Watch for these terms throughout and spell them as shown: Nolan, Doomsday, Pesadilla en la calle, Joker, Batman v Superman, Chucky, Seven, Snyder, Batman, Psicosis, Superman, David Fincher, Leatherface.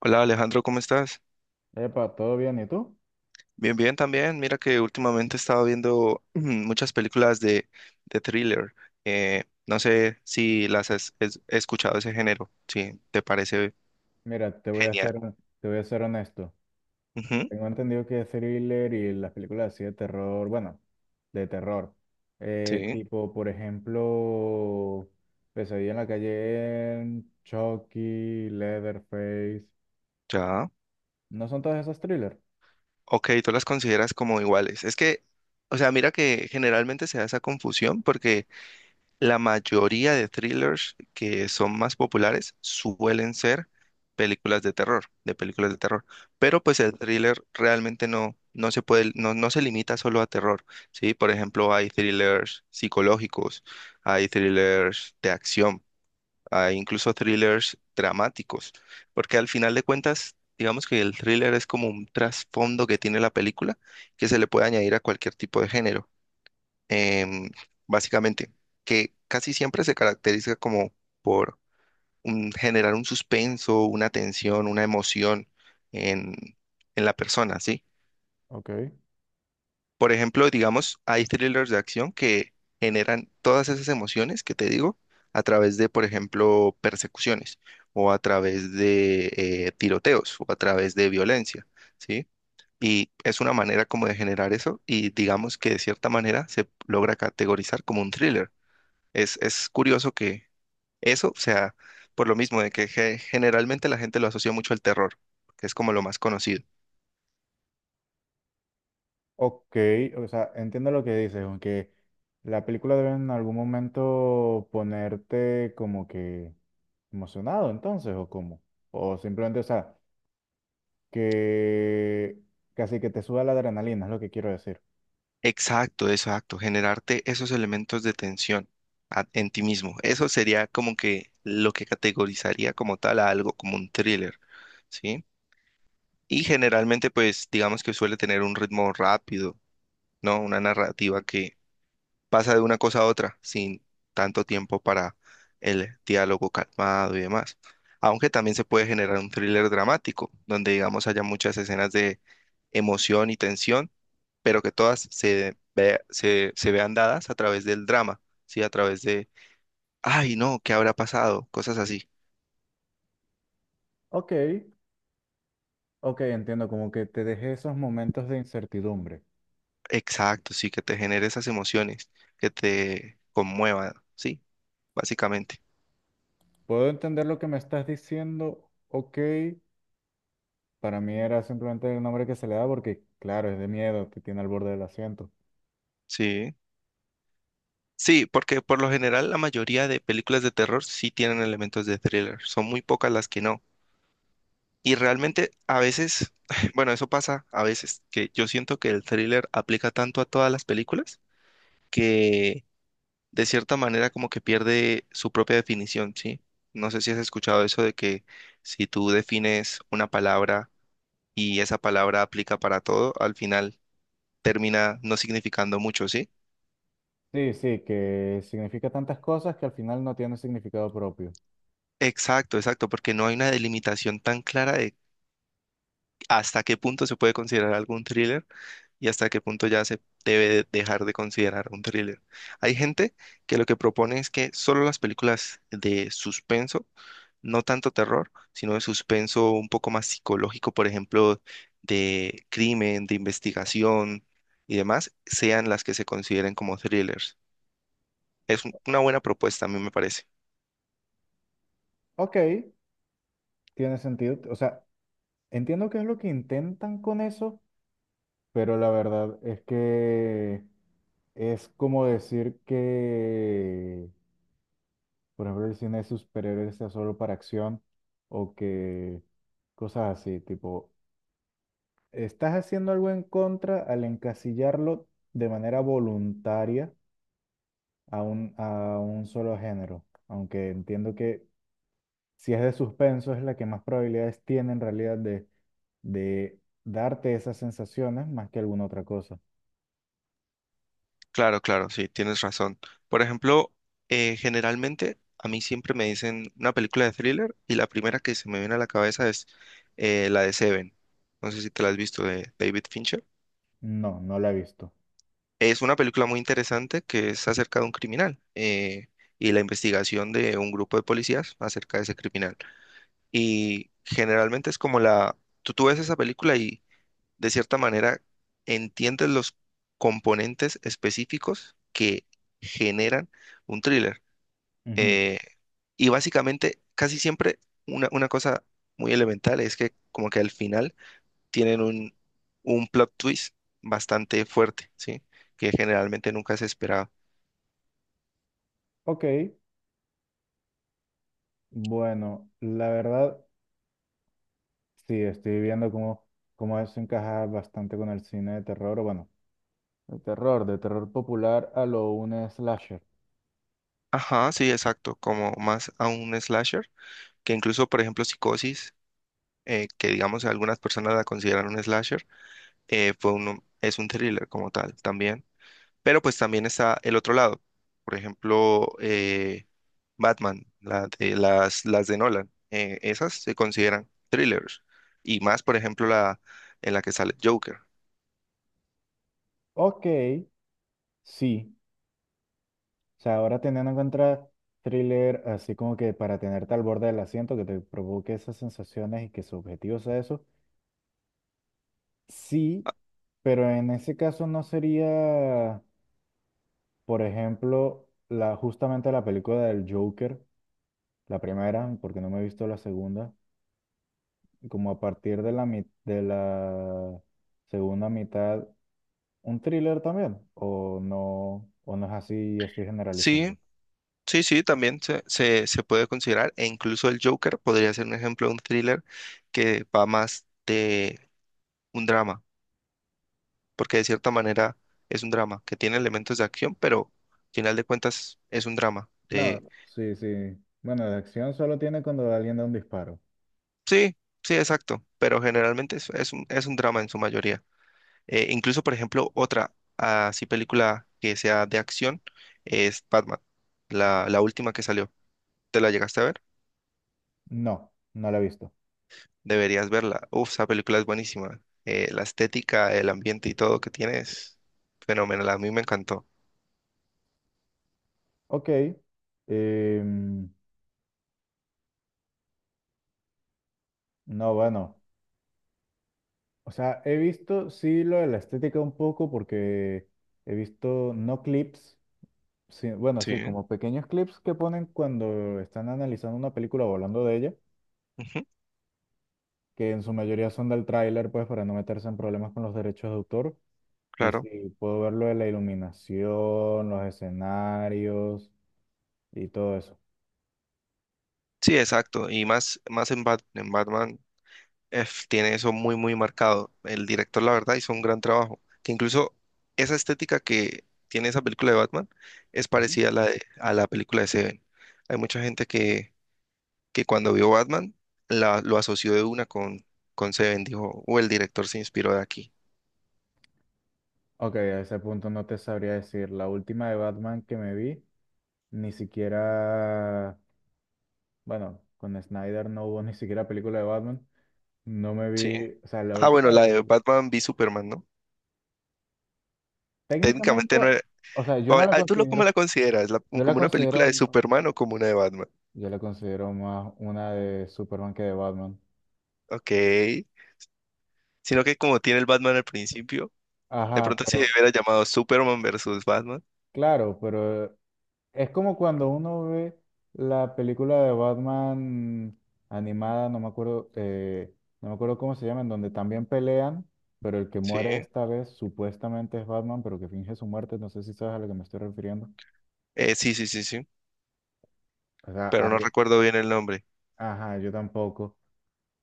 Hola Alejandro, ¿cómo estás? Epa, ¿todo bien? ¿Y tú? Bien, bien también. Mira que últimamente estaba viendo muchas películas de thriller. No sé si las has escuchado ese género, si te parece Mira, genial. Te voy a ser honesto. Ujú, Tengo entendido que thriller y las películas así de terror, bueno, de terror, sí, tipo, por ejemplo, Pesadilla en la calle, en Chucky, Leatherface, ya. ¿no son todas esas thriller? Ok, tú las consideras como iguales. Es que, o sea, mira que generalmente se da esa confusión porque la mayoría de thrillers que son más populares suelen ser películas de terror, de películas de terror. Pero pues el thriller realmente no se puede, no se limita solo a terror, ¿sí? Por ejemplo, hay thrillers psicológicos, hay thrillers de acción, hay incluso thrillers dramáticos, porque al final de cuentas, digamos que el thriller es como un trasfondo que tiene la película que se le puede añadir a cualquier tipo de género, em, básicamente, que casi siempre se caracteriza como por generar un suspenso, una tensión, una emoción en, en la persona, ¿sí? Ok. Por ejemplo, digamos, hay thrillers de acción que generan todas esas emociones que te digo a través de, por ejemplo, persecuciones o a través de tiroteos o a través de violencia, ¿sí? Y es una manera como de generar eso y digamos que de cierta manera se logra categorizar como un thriller. Es curioso que eso, o sea, por lo mismo de que generalmente la gente lo asocia mucho al terror, que es como lo más conocido. Ok, o sea, entiendo lo que dices, aunque la película debe en algún momento ponerte como que emocionado entonces, o como, o simplemente, o sea... que casi que te suba la adrenalina, es lo que quiero decir. Exacto, exacto, generarte esos elementos de tensión en ti mismo. Eso sería como que lo que categorizaría como tal a algo como un thriller, ¿sí? Y generalmente, pues, digamos que suele tener un ritmo rápido, ¿no? Una narrativa que pasa de una cosa a otra sin tanto tiempo para el diálogo calmado y demás. Aunque también se puede generar un thriller dramático, donde digamos haya muchas escenas de emoción y tensión, pero que todas se vean dadas a través del drama, ¿sí? A través de, ay, no, ¿qué habrá pasado? Cosas así. Ok, ok, entiendo, como que te dejé esos momentos de incertidumbre. Exacto, sí, que te genere esas emociones, que te conmuevan, ¿sí? Básicamente, Puedo entender lo que me estás diciendo, ok, para mí era simplemente el nombre que se le da porque, claro, es de miedo, te tiene al borde del asiento. sí. Sí, porque por lo general la mayoría de películas de terror sí tienen elementos de thriller, son muy pocas las que no. Y realmente a veces, bueno, eso pasa a veces, que yo siento que el thriller aplica tanto a todas las películas que de cierta manera como que pierde su propia definición, ¿sí? No sé si has escuchado eso de que si tú defines una palabra y esa palabra aplica para todo, al final termina no significando mucho, ¿sí? Sí, sí, que significa tantas cosas que al final no tiene significado propio. Exacto, exacto, porque no hay una delimitación tan clara de hasta qué punto se puede considerar algún thriller y hasta qué punto ya se debe dejar de considerar un thriller. Hay gente que lo que propone es que solo las películas de suspenso, no tanto terror, sino de suspenso un poco más psicológico, por ejemplo, de crimen, de investigación y demás, sean las que se consideren como thrillers. Es una buena propuesta, a mí me parece. Ok, tiene sentido, o sea, entiendo qué es lo que intentan con eso, pero la verdad es que es como decir que, por ejemplo, el cine de superhéroes sea solo para acción o que cosas así, tipo, estás haciendo algo en contra al encasillarlo de manera voluntaria a a un solo género, aunque entiendo que si es de suspenso es la que más probabilidades tiene en realidad de darte esas sensaciones más que alguna otra cosa. Claro, claro, sí, tienes razón. Por ejemplo, generalmente a mí siempre me dicen una película de thriller y la primera que se me viene a la cabeza es la de Seven. No sé si te la has visto de David Fincher. No, no la he visto. Es una película muy interesante que es acerca de un criminal, y la investigación de un grupo de policías acerca de ese criminal. Y generalmente es como la... Tú ves esa película y, de cierta manera, entiendes los componentes específicos que generan un thriller. Ujú. Eh, y básicamente, casi siempre, una cosa muy elemental es que como que al final tienen un plot twist bastante fuerte, ¿sí? Que generalmente nunca se esperaba. Ok, bueno, la verdad, sí, estoy viendo cómo eso encaja bastante con el cine de terror, o bueno, de terror popular a lo un slasher. Ajá, sí, exacto, como más a un slasher, que incluso, por ejemplo, Psicosis, que digamos algunas personas la consideran un slasher, fue uno, es un thriller como tal también. Pero pues también está el otro lado. Por ejemplo, Batman, las de Nolan. Esas se consideran thrillers. Y más, por ejemplo, la en la que sale Joker. Ok, sí, o sea, ahora teniendo en cuenta thriller, así como que para tenerte al borde del asiento, que te provoque esas sensaciones y que su objetivo sea eso, sí, pero en ese caso no sería, por ejemplo, justamente la película del Joker, la primera, porque no me he visto la segunda como a partir de la segunda mitad, un thriller también, o no es así y estoy Sí, generalizando. sí, sí, también se puede considerar. E incluso el Joker podría ser un ejemplo de un thriller que va más de un drama. Porque de cierta manera es un drama que tiene elementos de acción, pero al final de cuentas es un drama. No, sí, sí. Bueno, de acción solo tiene cuando alguien da un disparo. Sí, sí, exacto, pero generalmente es un drama en su mayoría. Incluso, por ejemplo, otra así película que sea de acción es Batman, la última que salió. ¿Te la llegaste a ver? No, no la he visto. Deberías verla. Uf, esa película es buenísima. La estética, el ambiente y todo que tiene es fenomenal. A mí me encantó. Ok. em, no, bueno. O sea, he visto, sí, lo de la estética un poco porque he visto no clips, sí, bueno, sí, Sí, como pequeños clips que ponen cuando están analizando una película o hablando de ella. ujú, Que en su mayoría son del tráiler, pues para no meterse en problemas con los derechos de autor. Y claro. sí, puedo ver lo de la iluminación, los escenarios y todo eso. Sí, exacto. Y más, más en Batman. Tiene eso muy, muy marcado. El director, la verdad, hizo un gran trabajo. Que incluso esa estética que tiene esa película de Batman es Ujú. parecida a la de, a la película de Seven. Hay mucha gente que cuando vio Batman lo asoció de una con Seven. Dijo, o el director se inspiró de aquí. Ok, a ese punto no te sabría decir. La última de Batman que me vi, ni siquiera, bueno, con Snyder no hubo ni siquiera película de Batman. No me Sí. vi, o sea, la Ah, bueno, última, la de Batman v Superman, ¿no? técnicamente, Técnicamente no era... o sea, yo o- no la ah, ¿Tú lo cómo considero, la consideras? ¿La- yo la como una película considero, de Superman o como una de Batman? yo la considero más una de Superman que de Batman. Ok. Sino que como tiene el Batman al principio. De Ajá, pronto si pero, hubiera llamado Superman versus Batman. claro, pero es como cuando uno ve la película de Batman animada, no me acuerdo, no me acuerdo cómo se llama, en donde también pelean, pero el que Sí. muere esta vez supuestamente es Batman, pero que finge su muerte, no sé si sabes a lo que me estoy refiriendo. Sí, sí, sí, sí. O sea, Pero no ahí- recuerdo bien el nombre. ajá, yo tampoco,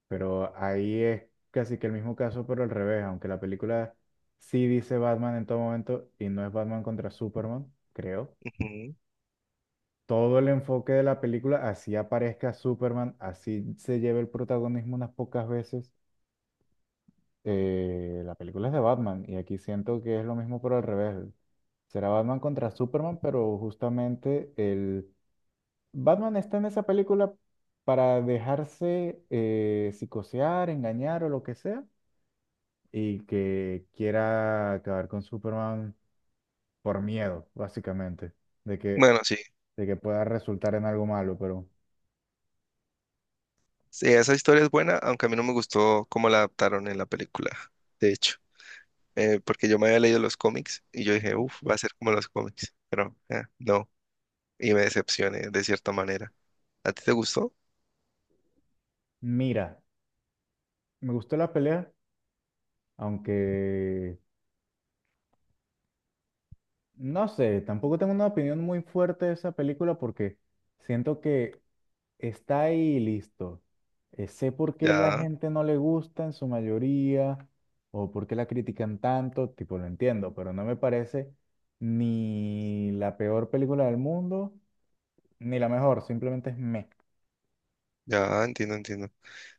pero ahí es casi que el mismo caso, pero al revés, aunque la película sí dice Batman en todo momento y no es Batman contra Superman, creo. Ujú. Todo el enfoque de la película, así aparezca Superman, así se lleve el protagonismo unas pocas veces. La película es de Batman y aquí siento que es lo mismo pero al revés. Será Batman contra Superman, pero justamente el Batman está en esa película para dejarse psicosear, engañar o lo que sea y que quiera acabar con Superman por miedo, básicamente, de que, Bueno, sí. de que pueda resultar en algo malo, pero... Sí, esa historia es buena, aunque a mí no me gustó cómo la adaptaron en la película, de hecho. Porque yo me había leído los cómics y yo dije, Ujú. uff, va a ser como los cómics. Pero no. Y me decepcioné de cierta manera. ¿A ti te gustó? Mira, me gustó la pelea, aunque no sé, tampoco tengo una opinión muy fuerte de esa película porque siento que está ahí y listo. Sé por qué la Ya, gente no le gusta en su mayoría o por qué la critican tanto, tipo lo entiendo, pero no me parece ni la peor película del mundo ni la mejor, simplemente es me. ya, entiendo, entiendo.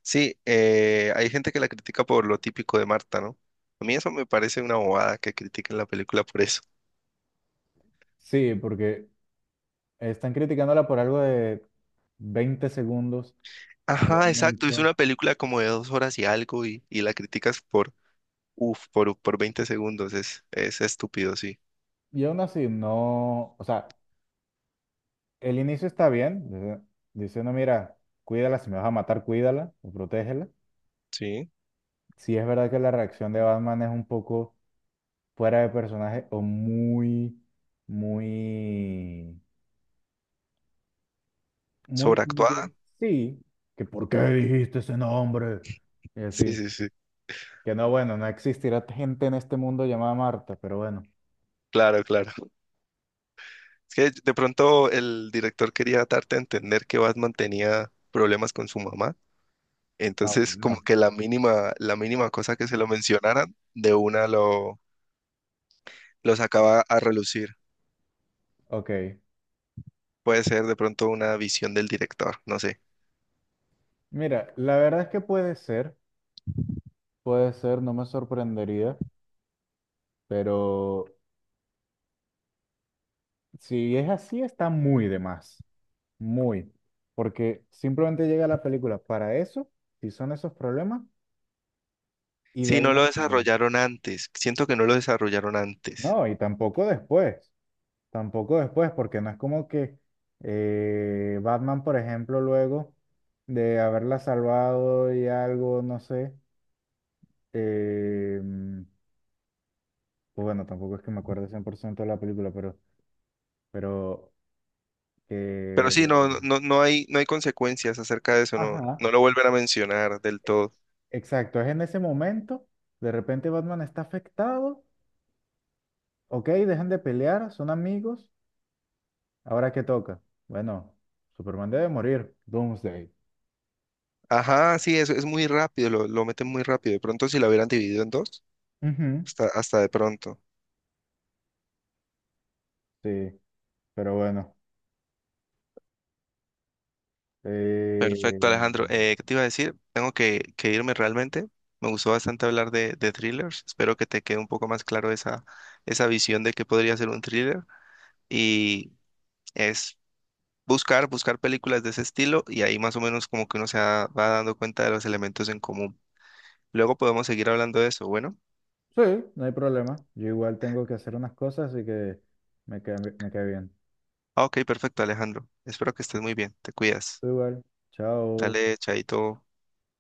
Sí, hay gente que la critica por lo típico de Marta, ¿no? A mí eso me parece una bobada que critiquen la película por eso. Sí, porque están criticándola por algo de 20 segundos a lo Ajá, exacto. Es mucho. una película como de 2 horas y algo, y la criticas por, uf, por, 20 segundos. Es estúpido, sí. Y aún así, no, o sea, el inicio está bien, diciendo, mira, cuídala, si me vas a matar, cuídala o protégela. Sí. Sí es verdad que la reacción de Batman es un poco fuera de personaje o muy, muy, yo- Sobreactuada. sí, que ¿por qué dijiste ese nombre? Y Sí, así, sí, sí. que no, bueno, no existirá gente en este mundo llamada Marta, pero bueno. Claro, claro. Es que de pronto el director quería darte a entender que Batman tenía problemas con su mamá. Ah, Entonces, como bueno. que la mínima cosa que se lo mencionaran, de una lo sacaba a relucir. Ok, Puede ser de pronto una visión del director, no sé. mira, la verdad es que puede ser, no me sorprendería. Pero si es así, está muy de más, muy, porque simplemente llega la película para eso, si son esos problemas, y de Sí, ahí no más lo nada. desarrollaron antes. Siento que no lo desarrollaron antes. No, y tampoco después, porque no es como que Batman, por ejemplo, luego de haberla salvado y algo, no sé, eh, pues bueno, tampoco es que me acuerde 100% de la película, pero Pero que... sí, no hay consecuencias acerca de eso, no, Ajá. no lo vuelven a mencionar del todo. Exacto, es en ese momento, de repente Batman está afectado, ok, dejan de pelear, son amigos, ahora qué toca. Bueno, Superman debe morir, Doomsday. Ajá, sí, es muy rápido, lo meten muy rápido. De pronto si lo hubieran dividido en dos, Ujú, hasta, hasta de pronto. sí, pero bueno, eh, Perfecto, Alejandro. ¿Qué te iba a decir? Tengo que irme realmente. Me gustó bastante hablar de thrillers. Espero que te quede un poco más claro esa visión de qué podría ser un thriller. Y es buscar, buscar películas de ese estilo y ahí más o menos como que uno se va dando cuenta de los elementos en común. Luego podemos seguir hablando de eso. Bueno. sí, no hay problema, yo igual tengo que hacer unas cosas, así que me cae bien. Ah, ok, perfecto, Alejandro. Espero que estés muy bien. Te cuidas. Tú igual, chao. Dale, chaito.